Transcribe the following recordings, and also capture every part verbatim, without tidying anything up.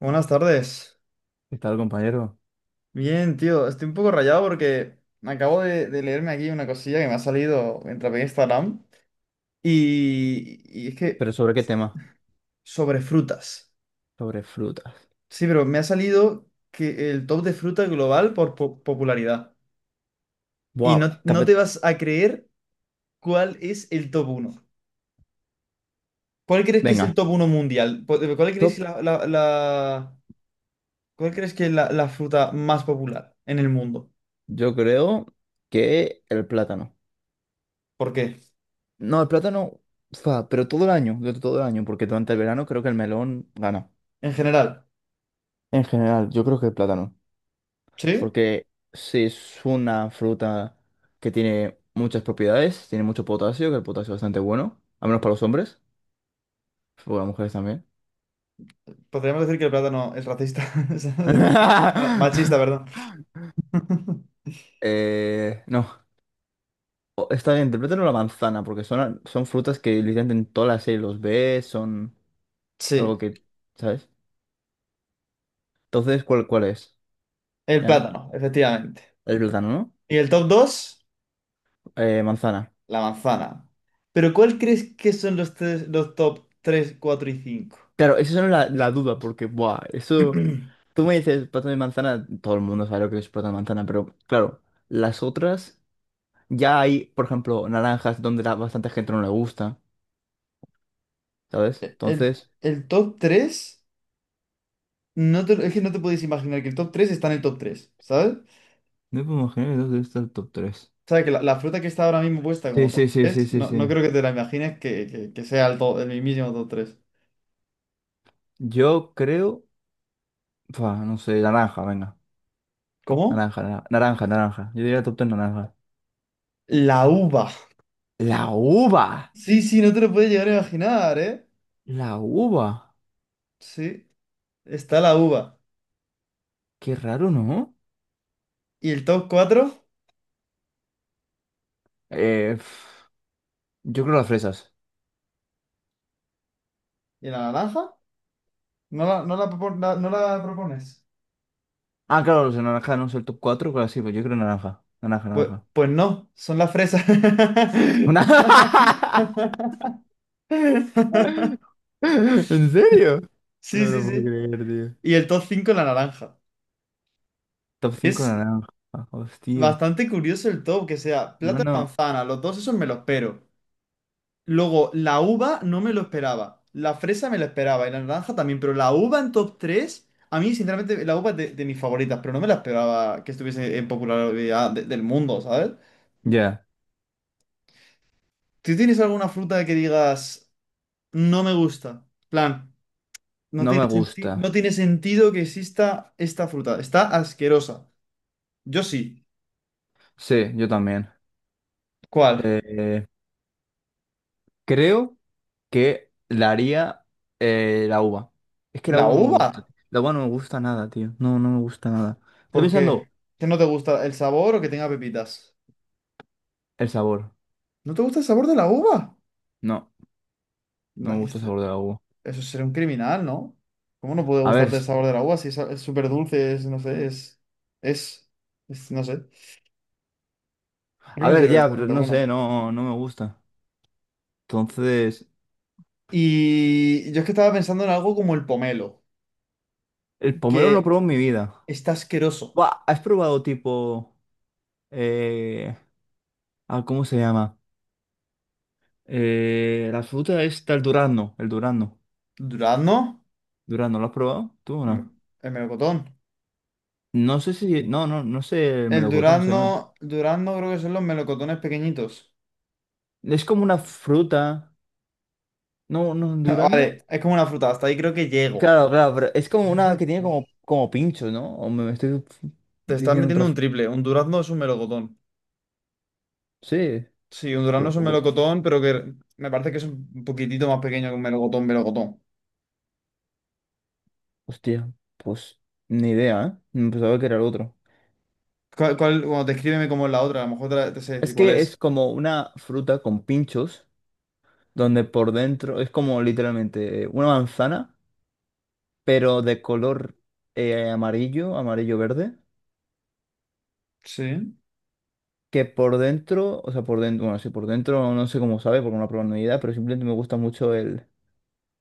Buenas tardes. ¿Qué tal, compañero? Bien, tío. Estoy un poco rayado porque me acabo de, de leerme aquí una cosilla que me ha salido mientras veía Instagram. Y, y es que ¿Pero sobre qué tema? sobre frutas. Sobre frutas. Sí, pero me ha salido que el top de fruta global por po- popularidad. Y Buah, no, te no te apet- vas a creer cuál es el top uno. ¿Cuál crees que es el Venga, top uno mundial? ¿Cuál cuál crees top. la, la- la- cuál crees que es la, la fruta más popular en el mundo? Yo creo que el plátano. ¿Por qué? No, el plátano, fa, pero todo el año, durante todo el año, porque durante el verano creo que el melón gana. En general. En general, yo creo que el plátano. ¿Sí? Porque sí es una fruta que tiene muchas propiedades, tiene mucho potasio, que el potasio es bastante bueno, al menos para los hombres, para las mujeres también. Podríamos decir que el plátano es racista. es ma- Machista, perdón. Eh, no. O- Está bien, interprétalo la manzana, porque son, son frutas que literalmente en toda la serie los ves, son algo Sí, que, ¿sabes? Entonces, ¿cuál, cuál es? el ¿Ya? plátano, efectivamente. El plátano, ¿no? Y el top dos Eh, manzana. la manzana. Pero ¿cuál crees que son los, tres, los top tres cuatro y cinco? Claro, esa es la, la duda, porque, buah, eso. Tú me dices plátano y manzana, todo el mundo sabe lo que es plátano y manzana, pero claro, las otras, ya hay, por ejemplo, naranjas donde la, bastante gente no le gusta, ¿sabes? El, Entonces, el top tres no te- es que no te podéis imaginar que el top tres está en el top tres, ¿sabes? ¿no puedo imaginar que dos de estas top tres? O sea, que la, la fruta que está ahora mismo puesta Sí, como sí, top sí, sí, tres sí, no, no sí. creo que te la imagines que, que- que sea el, to- el mismísimo top tres. Yo creo. Fua, no sé, naranja, venga. ¿Cómo? Naranja, naranja, naranja, naranja. Yo diría top tres naranja. La uva. La uva. Sí, sí, no te lo puedes llegar a imaginar, ¿eh? La uva. Sí, está la uva. Qué raro, ¿no? ¿Y el top cuatro? Eh, pf, yo creo las fresas. ¿Y la naranja? ¿No la, no la, propon- la- no la propones? Ah, claro, los de naranja no es el top cuatro claro, sí, pues yo creo naranja. Naranja, Pues, naranja. pues no, son las fresas. Una- ¿En serio? No Sí, me sí, lo puedo sí. creer, tío. Y el top cinco la naranja. Top cinco Es naranja. Hostia. bastante curioso el top, que sea No, plátano y no. manzana. Los dos esos me los pero. Luego, la uva no me lo esperaba. La fresa me la esperaba y la naranja también, pero la uva en top tres a mí sinceramente la uva es de, de mis favoritas, pero no me la esperaba que estuviese en popularidad de- del mundo, ¿sabes? Ya. ¿Tú tienes alguna fruta que digas, no me gusta? Plan, no No tiene me senti- gusta. no tiene sentido que exista esta fruta, está asquerosa. Yo sí. Sí, yo también. ¿Cuál? Eh, creo. Que la haría eh, la uva. Es que la ¿La uva no me gusta. uva? La uva no me gusta nada, tío. No, no me gusta nada. Estoy ¿Por pensando qué? ¿Que no te gusta el sabor o que tenga pepitas? el sabor. ¿No te gusta el sabor de la uva? No, no me gusta el Nice. sabor de la uva. Eso sería un criminal, ¿no? ¿Cómo no puede A ver, gustarte el s- sabor de la uva si es es súper dulce, es, no sé, es, es, es- no sé. Yo no a ver considero que ya, está pero bastante no sé, bueno. no, no me gusta. Entonces, Y yo es que estaba pensando en algo como el pomelo, el pomelo no lo que probado en mi vida. está asqueroso. Buah, ¿has probado tipo? eh, ah, ¿cómo se llama? Eh, la fruta está el durazno, el durazno. ¿Durazno? Durazno, ¿lo has probado? ¿Tú o no? Mm, El melocotón. No sé si. No, no, no sé el El melocotón, se durazno, llama. durazno creo que son los melocotones pequeñitos. Es como una fruta. No, no, Honduras no. Vale, es como una fruta, hasta ahí creo que llego. Claro, claro, pero es como una que tiene como, como pincho, ¿no? O me estoy Te estás diciendo otra. metiendo un f- triple, un durazno es un melocotón. Sí, Sí, un durazno po- es un po- melocotón, pero que me parece que es un poquitito más pequeño que un melocotón, melocotón. hostia, pues ni idea, ¿eh? Me pensaba que era el otro. ¿Cuál, cuál, bueno, descríbeme cómo es la otra, a lo mejor te, la- te sé decir Es cuál que es es. como una fruta con pinchos, donde por dentro es como literalmente una manzana, pero de color eh, amarillo, amarillo-verde, Sí. que por dentro, o sea, por dentro, bueno, sí, por dentro no sé cómo sabe porque no lo he probado ni idea, pero simplemente me gusta mucho el.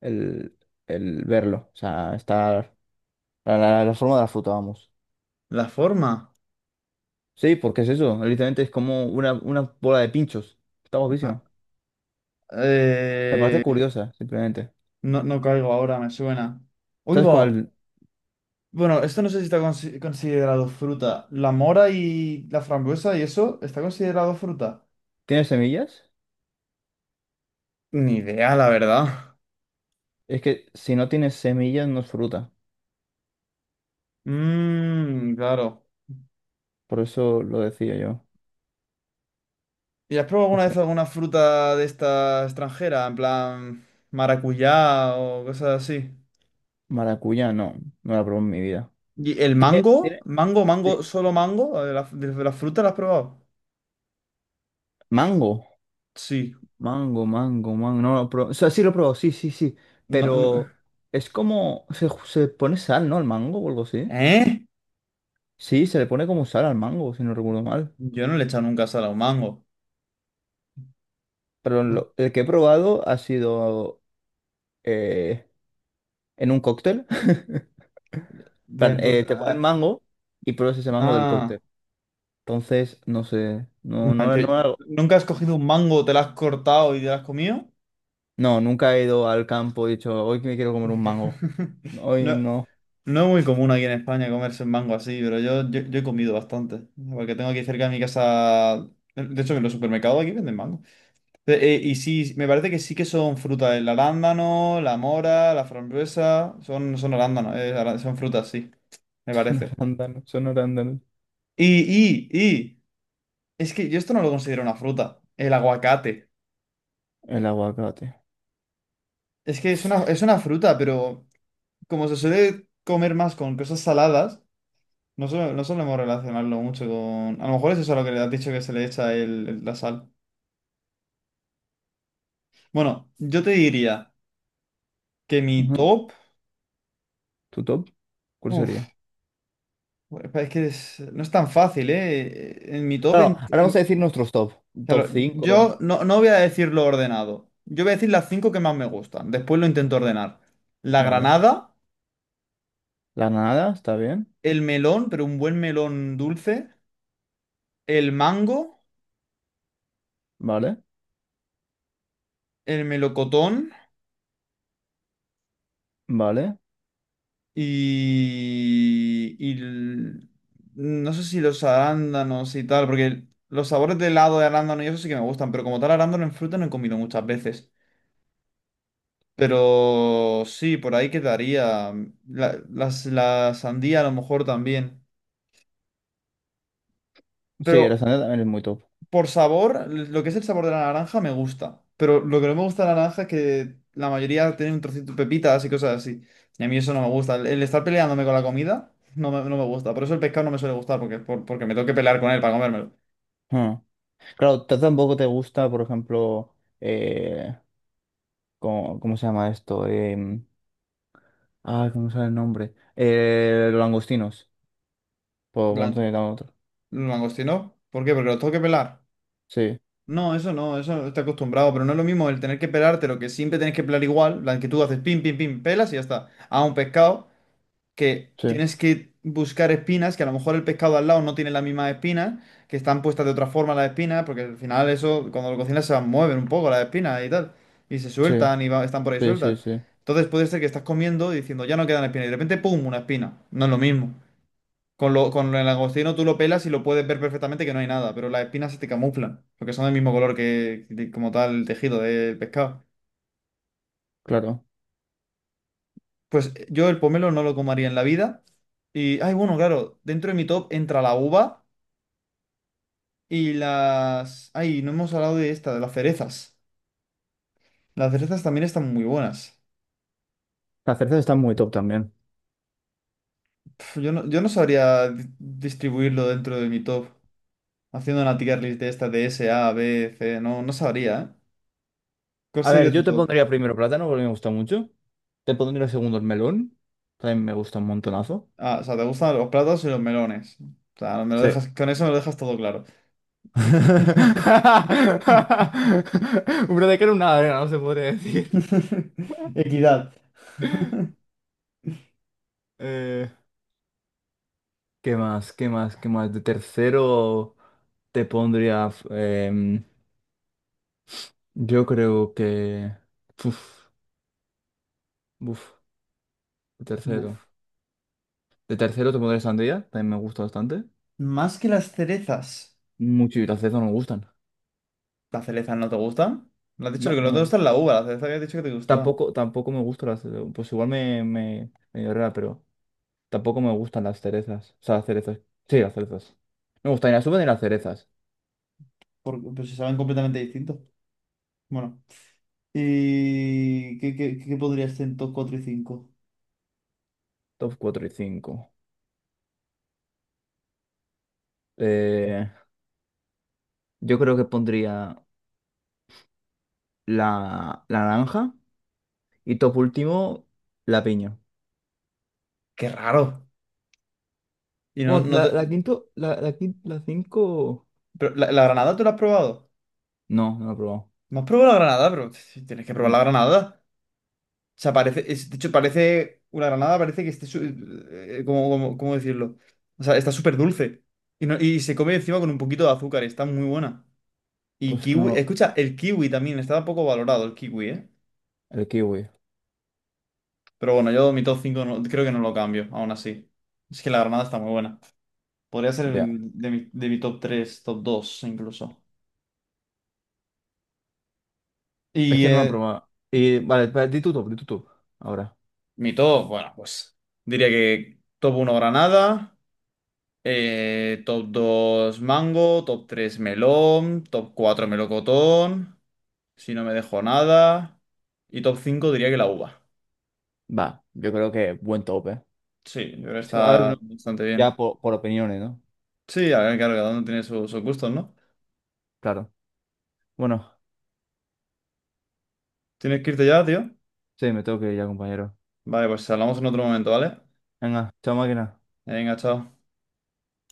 el, el verlo. O sea, estar la, la- la forma de la fruta, vamos. La forma. Sí, porque es eso. Literalmente es como una, una bola de pinchos. Está Ah, guapísima. Me parece eh, curiosa, simplemente. no, no caigo ahora, me suena. Uy, ¿Sabes va. cuál? Bueno, esto no sé si está consi- considerado fruta. La mora y la frambuesa y eso, ¿está considerado fruta? ¿Tiene semillas? Ni idea, la verdad. Es que si no tiene semillas no es fruta. Mmm, claro. Por eso lo decía yo. ¿Y has probado alguna vez Entonces, alguna fruta de esta extranjera? En plan maracuyá o cosas así. maracuyá, no. No la probé en mi vida. ¿Y el ¿Tiene, mango? tiene- ¿Mango, mango, ti- solo mango? ¿De la, de la fruta la has probado? ¿mango? Sí. Mango, mango, mango. No lo probé. O sea, sí lo probé, sí, sí, sí. No, no- Pero es como. Se, se pone sal, ¿no? El mango o algo así. ¿Eh? Sí, se le pone como sal al mango, si no recuerdo mal. Yo no le he echado nunca sal a un mango. Pero lo- el que he probado ha sido eh, en un cóctel. Pues Plan, entonces- eh, te ponen ah, mango y pruebas ese mango del ah, cóctel. Entonces, no sé, no, no, no, yo- no, hago- ¿nunca has cogido un mango, te lo has cortado y te lo has comido? no, nunca he ido al campo y he dicho, hoy que me quiero comer un mango. Hoy No. no. No es muy común aquí en España comerse el mango así, pero yo, yo, yo he comido bastante. Porque tengo aquí cerca de mi casa. De hecho, en los supermercados aquí venden mango. Eh, eh, y sí, me parece que sí que son frutas. El arándano, la mora, la frambuesa. Son, son arándanos, eh, ará- son frutas, sí, me Son parece. arándanos, son arándanos. Y, y, y. Es que yo esto no lo considero una fruta. El aguacate. El aguacate. Es que es una, es una fruta, pero como se suele comer más con cosas saladas. No, suele- no solemos relacionarlo mucho con... A lo mejor es eso lo que le has dicho que se le echa el, el- la sal. Bueno, yo te diría que mi Ajá. top... ¿Tu top? ¿Cuál Uf, sería? es que es- no es tan fácil, ¿eh? En mi top... Claro, en- ahora vamos a en- decir nuestros top. Top Claro, yo cinco. no, no voy a decir lo ordenado. Yo voy a decir las cinco que más me gustan. Después lo intento ordenar. La Vale. granada, La nada, está bien. el melón, pero un buen melón dulce, el mango, Vale. el melocotón. Vale. Y, y l- no sé si los arándanos y tal, porque los sabores de helado de arándano y eso sí que me gustan, pero como tal arándano en fruta no he comido muchas veces. Pero sí, por ahí quedaría. La, las- la sandía a lo mejor también. Sí, la Pero sandía también es muy top. por sabor, lo que es el sabor de la naranja me gusta. Pero lo que no me gusta de la naranja es que la mayoría tiene un trocito de pepitas y cosas así. Y a mí eso no me gusta. El, el estar peleándome con la comida no me, no me gusta. Por eso el pescado no me suele gustar, porque, por- porque me tengo que pelear con él para comérmelo. Ah. Claro, t- tampoco te gusta, por ejemplo, eh, ¿cómo, cómo se llama esto? Em, ah, ¿cómo sale el nombre? Eh, los langostinos, por por no Lan- tener nada otro. ¿Langostino? ¿Por qué? Porque lo tengo que pelar. Sí, No, eso no, eso está acostumbrado. Pero no es lo mismo el tener que pelarte, lo que siempre tienes que pelar igual. La que tú haces pim, pim, pim, pelas y ya está. A un pescado, que sí, tienes que buscar espinas, que a lo mejor el pescado al lado no tiene las mismas espinas, que están puestas de otra forma las espinas, porque al final eso, cuando lo cocinas se mueven un poco las espinas y tal, y se sí, sueltan y va- están por ahí sí, sí, sueltas. sí, Entonces puede ser que estás comiendo y diciendo, ya no quedan espinas, y de repente, ¡pum!, una espina. No es lo mismo. Con lo, con el langostino tú lo pelas y lo puedes ver perfectamente que no hay nada, pero las espinas se te camuflan, porque son del mismo color que, que como tal el tejido del pescado. claro. Pues eh, yo el pomelo no lo comería en la vida. Y, ay, bueno, claro, dentro de mi top entra la uva y las... Ay, no hemos hablado de esta, de las cerezas. Las cerezas también están muy buenas. Las cerezas están muy top también. Pf, yo no, yo no sabría di- distribuirlo dentro de mi top. Haciendo una tier list de esta de S, A, B, C, no, no sabría, ¿eh? ¿Cuál A ver, sería yo tu te top? pondría primero plátano porque me gusta mucho. Te pondría segundo el melón, también me gusta un montonazo. Ah, o sea, te gustan los plátanos y los melones. O sea, me lo Sí. dejas, con eso me lo dejas todo claro. Una de cal, una arena, no se podría decir. Equidad. Eh, ¿Qué más? ¿Qué más? ¿Qué más? De tercero te pondría. f- em, yo creo que. Uf, uf, de tercero. Buf. De tercero te pondría sandía, también me gusta bastante. Más que las cerezas. Mucho y las cerezas no me gustan. ¿La cereza no te gusta? ¿La has dicho que No, lo que no no me te gustan. gusta es la uva, la cereza que has dicho que te gustaba? Tampoco, tampoco me gustan las. Pues igual me, me, me llorará, pero tampoco me gustan las cerezas. O sea, las cerezas. Sí, las cerezas. No me gustan ni las uvas ni las cerezas. Por- pues si saben completamente distintos. Bueno. ¿Y qué, qué, qué podría ser en top cuatro y cinco? Top cuatro y cinco. Yo creo que pondría la, la naranja. Y top último, la piña. Qué raro. Y no, Bueno, no la, la te... quinto, la, la, quin- la cinco. Pero, ¿la, la granada tú la has probado? No, no la he probado. No has probado la granada, pero t- tienes que probar la No, granada. O sea, parece, es- de hecho, parece, una granada parece que esté, su- eh, ¿cómo, cómo- cómo decirlo? O sea, está súper dulce. Y, no- y se come encima con un poquito de azúcar, está muy buena. Y pues es que no kiwi, lo. escucha, el kiwi también, está poco valorado el kiwi, ¿eh? El kiwi. Pero bueno, yo mi top cinco no, creo que no lo cambio, aún así. Es que la granada está muy buena. Podría ser Ya. el- de mi, de mi top tres top dos incluso. Es Y que no lo he eh, probado. Y vale, pa- di tu top, di tu top. Ahora. mi top, bueno, pues diría que top uno granada, eh, top dos mango, top tres melón, top cuatro melocotón, si no me dejo nada. Y top cinco diría que la uva. Va, yo creo que buen top, ¿eh? Sí, yo creo que Sí, a ver, está no, bastante ya bien. por, por opiniones, ¿no? Sí, a ver, claro, cada uno tiene su- sus gustos, ¿no? Claro. Bueno, Tienes que irte ya, tío. sí, me tengo que ir ya, compañero. Vale, pues hablamos en otro momento, ¿vale? Venga, chao máquina. Venga, chao.